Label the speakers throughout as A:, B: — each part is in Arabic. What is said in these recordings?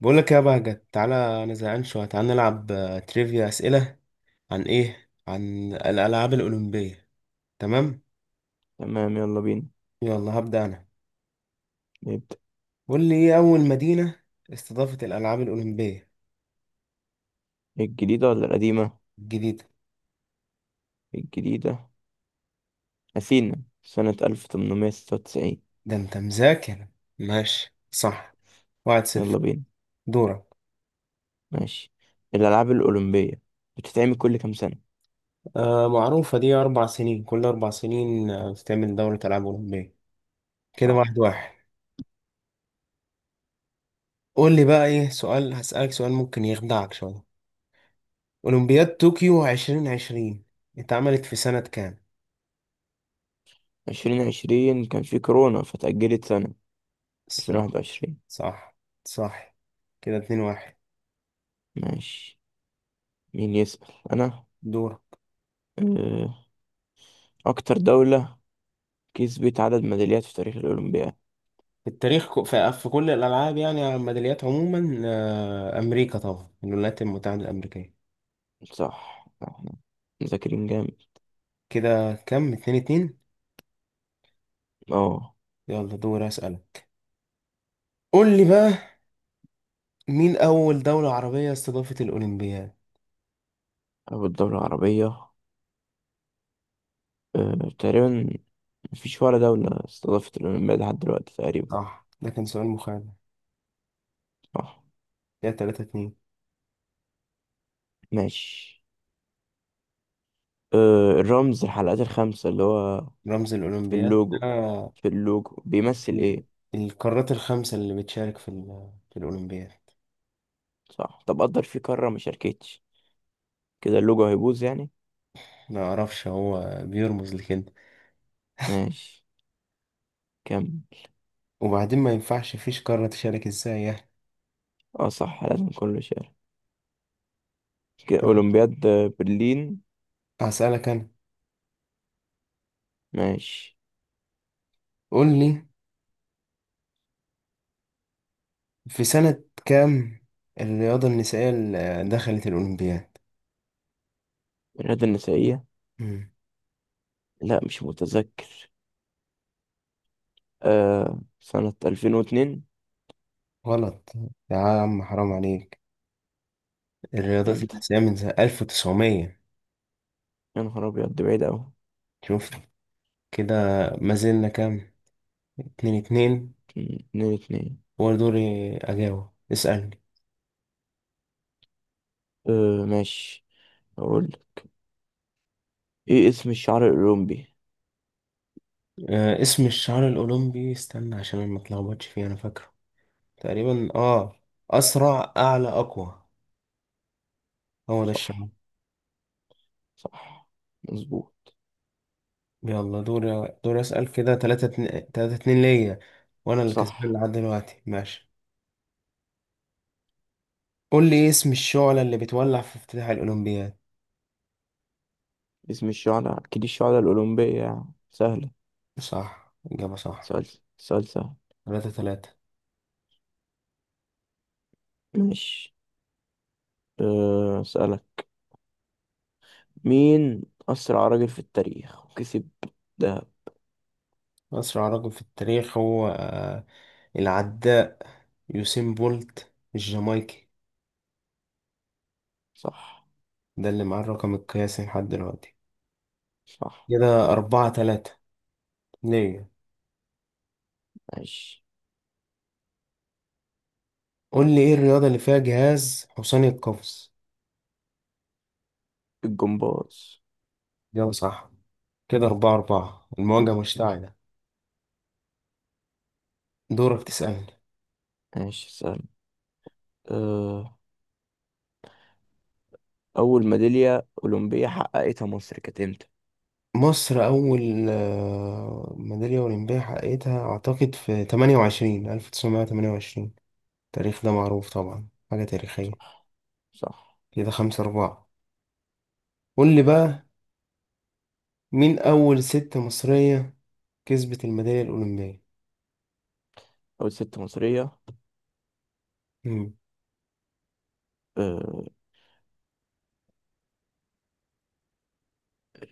A: بقول لك يا بهجت، تعالى. انا زهقان شويه، تعالى نلعب، تريفيا. اسئله عن ايه؟ عن الالعاب الاولمبيه. تمام.
B: تمام، يلا بينا
A: يلا هبدا انا.
B: نبدأ.
A: قول لي، ايه اول مدينه استضافت الالعاب الاولمبيه
B: الجديدة ولا القديمة؟
A: الجديده؟
B: الجديدة. أثينا سنة 1896.
A: ده انت مذاكر. ماشي، صح. واحد صفر.
B: يلا بينا.
A: دورك.
B: ماشي. الألعاب الأولمبية بتتعمل كل كام سنة؟
A: معروفه دي، اربع سنين، كل اربع سنين بتعمل دوره العاب اولمبيه. كده
B: صح.
A: واحد واحد. قول لي بقى، ايه سؤال هسألك، سؤال ممكن يخدعك شويه. اولمبياد طوكيو 2020 اتعملت في سنه كام؟
B: 2020 كان في كورونا فتأجلت سنة. ألفين
A: صح،
B: واحد وعشرين
A: صح، صح. كده اتنين واحد.
B: ماشي. مين يسأل؟ أنا.
A: دور.
B: أه، أكتر دولة كسبت عدد ميداليات في تاريخ الأولمبياد.
A: التاريخ في كل الألعاب يعني، على الميداليات عموما، أمريكا طبعا، الولايات المتحدة الأمريكية.
B: صح، احنا مذاكرين جامد.
A: كده كم؟ اتنين اتنين.
B: اه.
A: يلا دور أسألك. قول لي بقى، مين أول دولة عربية استضافت الأولمبياد؟
B: أول دولة عربية، تقريبا مفيش ولا دولة استضافت الأولمبياد لحد دلوقتي تقريبا.
A: صح، ده كان سؤال مخادع.
B: صح.
A: كده تلاتة اتنين.
B: ماشي. الرمز الحلقات الخمسة اللي هو
A: رمز
B: في
A: الأولمبياد،
B: اللوجو، في اللوجو بيمثل ايه؟
A: القارات الخمسة اللي بتشارك في الأولمبياد.
B: صح، طب قدر في قارة ما شاركتش، كده اللوجو هيبوظ يعني.
A: ما أعرفش، هو بيرمز لكده.
B: ماشي، كمل.
A: وبعدين ما ينفعش فيش قارة تشارك، ازاي يعني.
B: اه صح، لازم كله شارك. كده
A: طب
B: أولمبياد برلين.
A: هسألك أنا.
B: ماشي.
A: قول لي، في سنة كام الرياضة النسائية اللي دخلت الأولمبياد؟
B: الرياضة النسائية.
A: مم.
B: لا، مش متذكر. سنة 2002.
A: غلط يا عم، حرام عليك. الرياضات
B: امتى؟
A: النسائية من سنة 1900.
B: يا نهار أبيض، دي بعيدة أوي.
A: شفت كده؟ ما زلنا كام؟ اتنين اتنين.
B: 2-2.
A: هو دوري أجاوب، اسألني.
B: أه ماشي. أقول إيه اسم الشعر الأولمبي؟
A: اسم الشعار الأولمبي، استنى عشان أنا متلخبطش فيه، أنا فاكره تقريبا، أسرع أعلى أقوى، هو ده الشعار.
B: صح، صح مظبوط.
A: يلا دور، دور اسال. كده تلاتة اتنين، تلاتة اتنين ليا، وانا اللي
B: صح.
A: كسبان لحد دلوقتي، ماشي. قول لي، إيه اسم الشعلة اللي بتولع في افتتاح الاولمبياد؟
B: اسم الشعر أكيد الشعر الأولمبية يعني، سهلة.
A: صح، اجابة صح.
B: سؤال سؤال سهل.
A: تلاتة تلاتة.
B: ماشي، أسألك، مين أسرع راجل في التاريخ وكسب دهب؟
A: اسرع رجل في التاريخ هو، العداء يوسين بولت الجامايكي.
B: صح،
A: ده اللي معاه الرقم القياسي لحد دلوقتي.
B: صح.
A: كده أربعة تلاتة ليا.
B: ماشي.
A: قول لي، إيه الرياضة اللي فيها جهاز حصاني القفز؟
B: الجمباز.
A: جاوب صح. كده أربعة أربعة، المواجهة مشتعلة. دورك تسألني.
B: ماشي، سهل. أه أول ميدالية أولمبية حققتها مصر كانت إمتى؟
A: مصر أول، ميدالية أولمبية حققتها أعتقد في 28 1928. التاريخ ده معروف طبعا، حاجة تاريخية.
B: صح.
A: كده خمسة أربعة. قول لي بقى، مين أول ست مصرية كسبت الميدالية الأولمبية؟
B: أول ست مصرية.
A: مم.
B: أه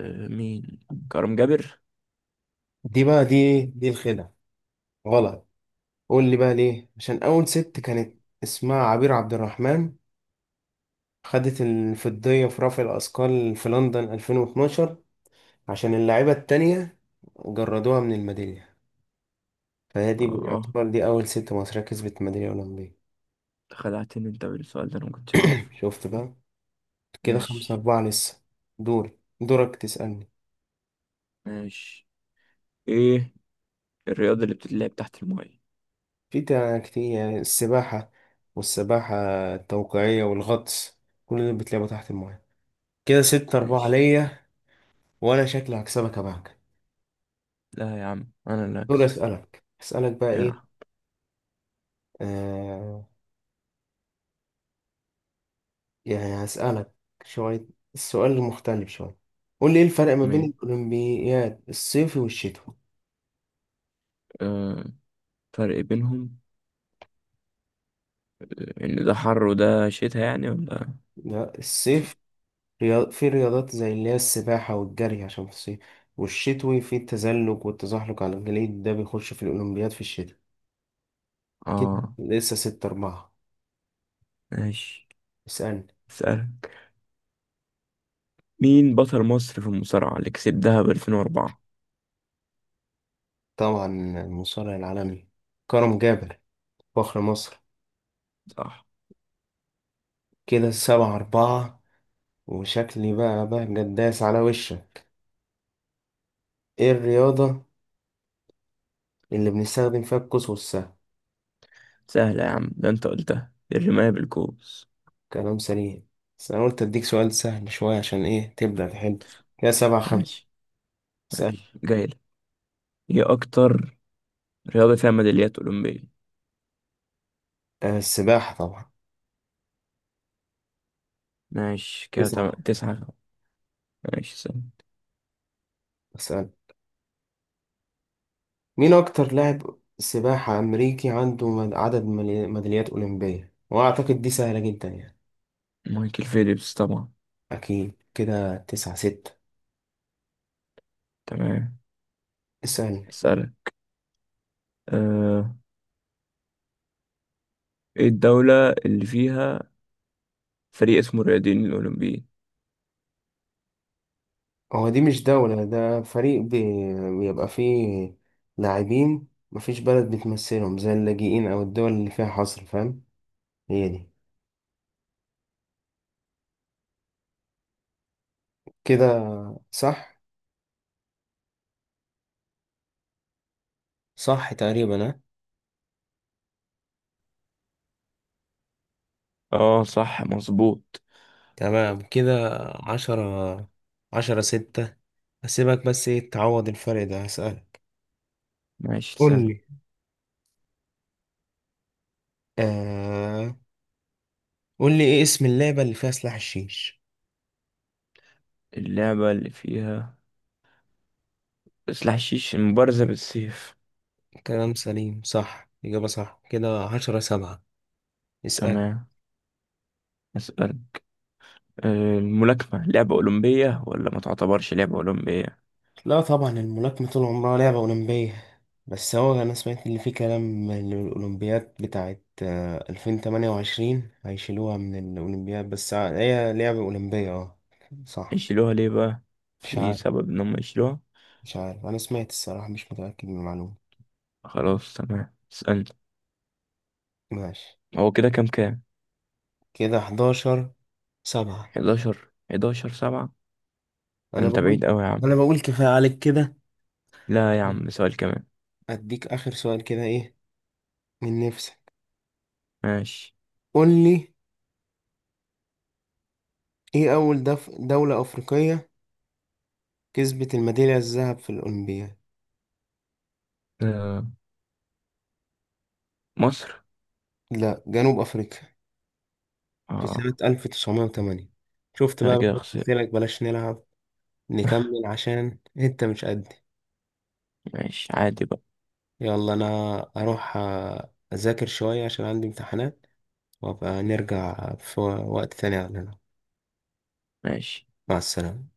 B: أه مين، كرم جابر.
A: دي بقى دي إيه؟ دي الخدعة. غلط. قول لي بقى ليه. عشان أول ست كانت اسمها عبير عبد الرحمن، خدت الفضية في رفع الأثقال في لندن 2012. عشان اللاعبة التانية جردوها من الميدالية، فهي دي
B: اه،
A: يعتبر، دي أول ست مصرية كسبت ميدالية أولمبية.
B: خدعتني انت بالسؤال ده، انا ما كنتش اعرف.
A: شفت بقى. كده خمسة
B: ماشي.
A: أربعة لسه. دور دورك تسألني.
B: ماشي، ايه الرياضة اللي بتتلعب تحت الماية؟
A: كتير السباحة، والسباحة التوقيعية، والغطس، كل دول بتلعبوا تحت الماية. كده ستة أربعة
B: ماشي.
A: ليا. وأنا شكلي هكسبك يا بهجة.
B: لا يا عم، انا اللي
A: دور
B: هكسب.
A: أسألك بقى إيه.
B: يلعب.
A: آه يعني هسألك شوية، السؤال المختلف شوية. قول لي، إيه الفرق ما بين
B: ماشي.
A: الأولمبياد الصيفي والشتوي؟
B: آه. فرق بينهم، ان ده حر وده شتا يعني، ولا؟
A: لا،
B: في.
A: الصيف، في رياضات زي اللي هي السباحة والجري عشان في الصيف، والشتوي في التزلج والتزحلق على الجليد، ده بيخش في الأولمبياد في الشتاء. كده
B: اه
A: لسه ستة أربعة.
B: ماشي،
A: اسألني.
B: اسألك مين بطل مصر في المصارعة اللي كسبها ب 2004؟
A: طبعا المصارع العالمي كرم جابر، فخر مصر.
B: صح.
A: كده سبعة أربعة. وشكلي بقى جداس على وشك. إيه الرياضة اللي بنستخدم فيها القوس والسهم؟
B: سهلة يا عم، ده انت قلتها، الرماية بالكوس.
A: كلام سليم، بس أنا قلت أديك سؤال سهل شوية عشان إيه تبدأ تحل. كده سبعة خمسة.
B: ماشي.
A: اسألني.
B: ماشي، جايلك، ايه اكتر رياضة فيها ميداليات أولمبية؟
A: السباحة طبعا.
B: ماشي كده، تمام،
A: تسعة.
B: تسعة. ماشي، استنى.
A: اسألني. مين أكتر لاعب سباحة أمريكي عنده عدد ميداليات أولمبية؟ وأعتقد دي سهلة جدا يعني.
B: مايكل فيليبس طبعا.
A: أكيد. كده تسعة ستة.
B: تمام.
A: اسألني.
B: أسألك، آه. ايه الدولة اللي فيها فريق اسمه الرياضيين الأولمبيين؟
A: هو دي مش دولة، ده فريق، بيبقى فيه لاعبين، مفيش بلد بتمثلهم، زي اللاجئين أو الدول اللي فيها حصر، فاهم. هي دي. كده صح. صح تقريبا، ها.
B: اه صح، مظبوط.
A: تمام كده. عشرة، عشرة ستة. أسيبك، بس إيه تعوض الفرق ده. هسألك،
B: ماشي،
A: قول
B: استنى.
A: لي آه قول لي ايه اسم اللعبة اللي فيها سلاح الشيش؟
B: اللعبة اللي فيها سلاح الشيش، المبارزة بالسيف.
A: كلام سليم، صح، إجابة صح. كده عشرة سبعة. اسأل.
B: تمام. أسأل، الملاكمة لعبة أولمبية ولا ما تعتبرش لعبة أولمبية؟
A: لا طبعا، الملاكمة طول عمرها لعبة أولمبية. بس هو أنا سمعت إن في كلام إن الأولمبياد بتاعت، 2028، هيشيلوها من الأولمبياد. بس هي لعبة أولمبية، اه صح.
B: يشيلوها ليه بقى؟
A: مش
B: في
A: عارف.
B: سبب إن هم يشيلوها؟
A: أنا سمعت الصراحة، مش متأكد من المعلومة.
B: خلاص، تمام، اسألني.
A: ماشي.
B: هو كده كام كام؟
A: كده حداشر سبعة.
B: 11 11 7.
A: أنا
B: انت
A: بقول
B: بعيد قوي يا عم.
A: أنا بقول كفاية عليك كده.
B: لا يا
A: عشان
B: عم، سؤال كمان.
A: أديك آخر سؤال، كده إيه من نفسك.
B: ماشي.
A: قول لي، ايه اول دولة افريقية كسبت الميدالية الذهب في الاولمبياد؟
B: آه، مصر.
A: لا، جنوب افريقيا في سنة
B: اه.
A: 1908. شفت
B: ده انا
A: بقى،
B: كده
A: قلت
B: خسرت.
A: لك بلاش نلعب. نكمل عشان انت مش قدي.
B: ماشي، عادي بقى.
A: يلا انا اروح اذاكر شوية عشان عندي امتحانات، وابقى نرجع في وقت تاني على.
B: ماشي.
A: مع السلامة.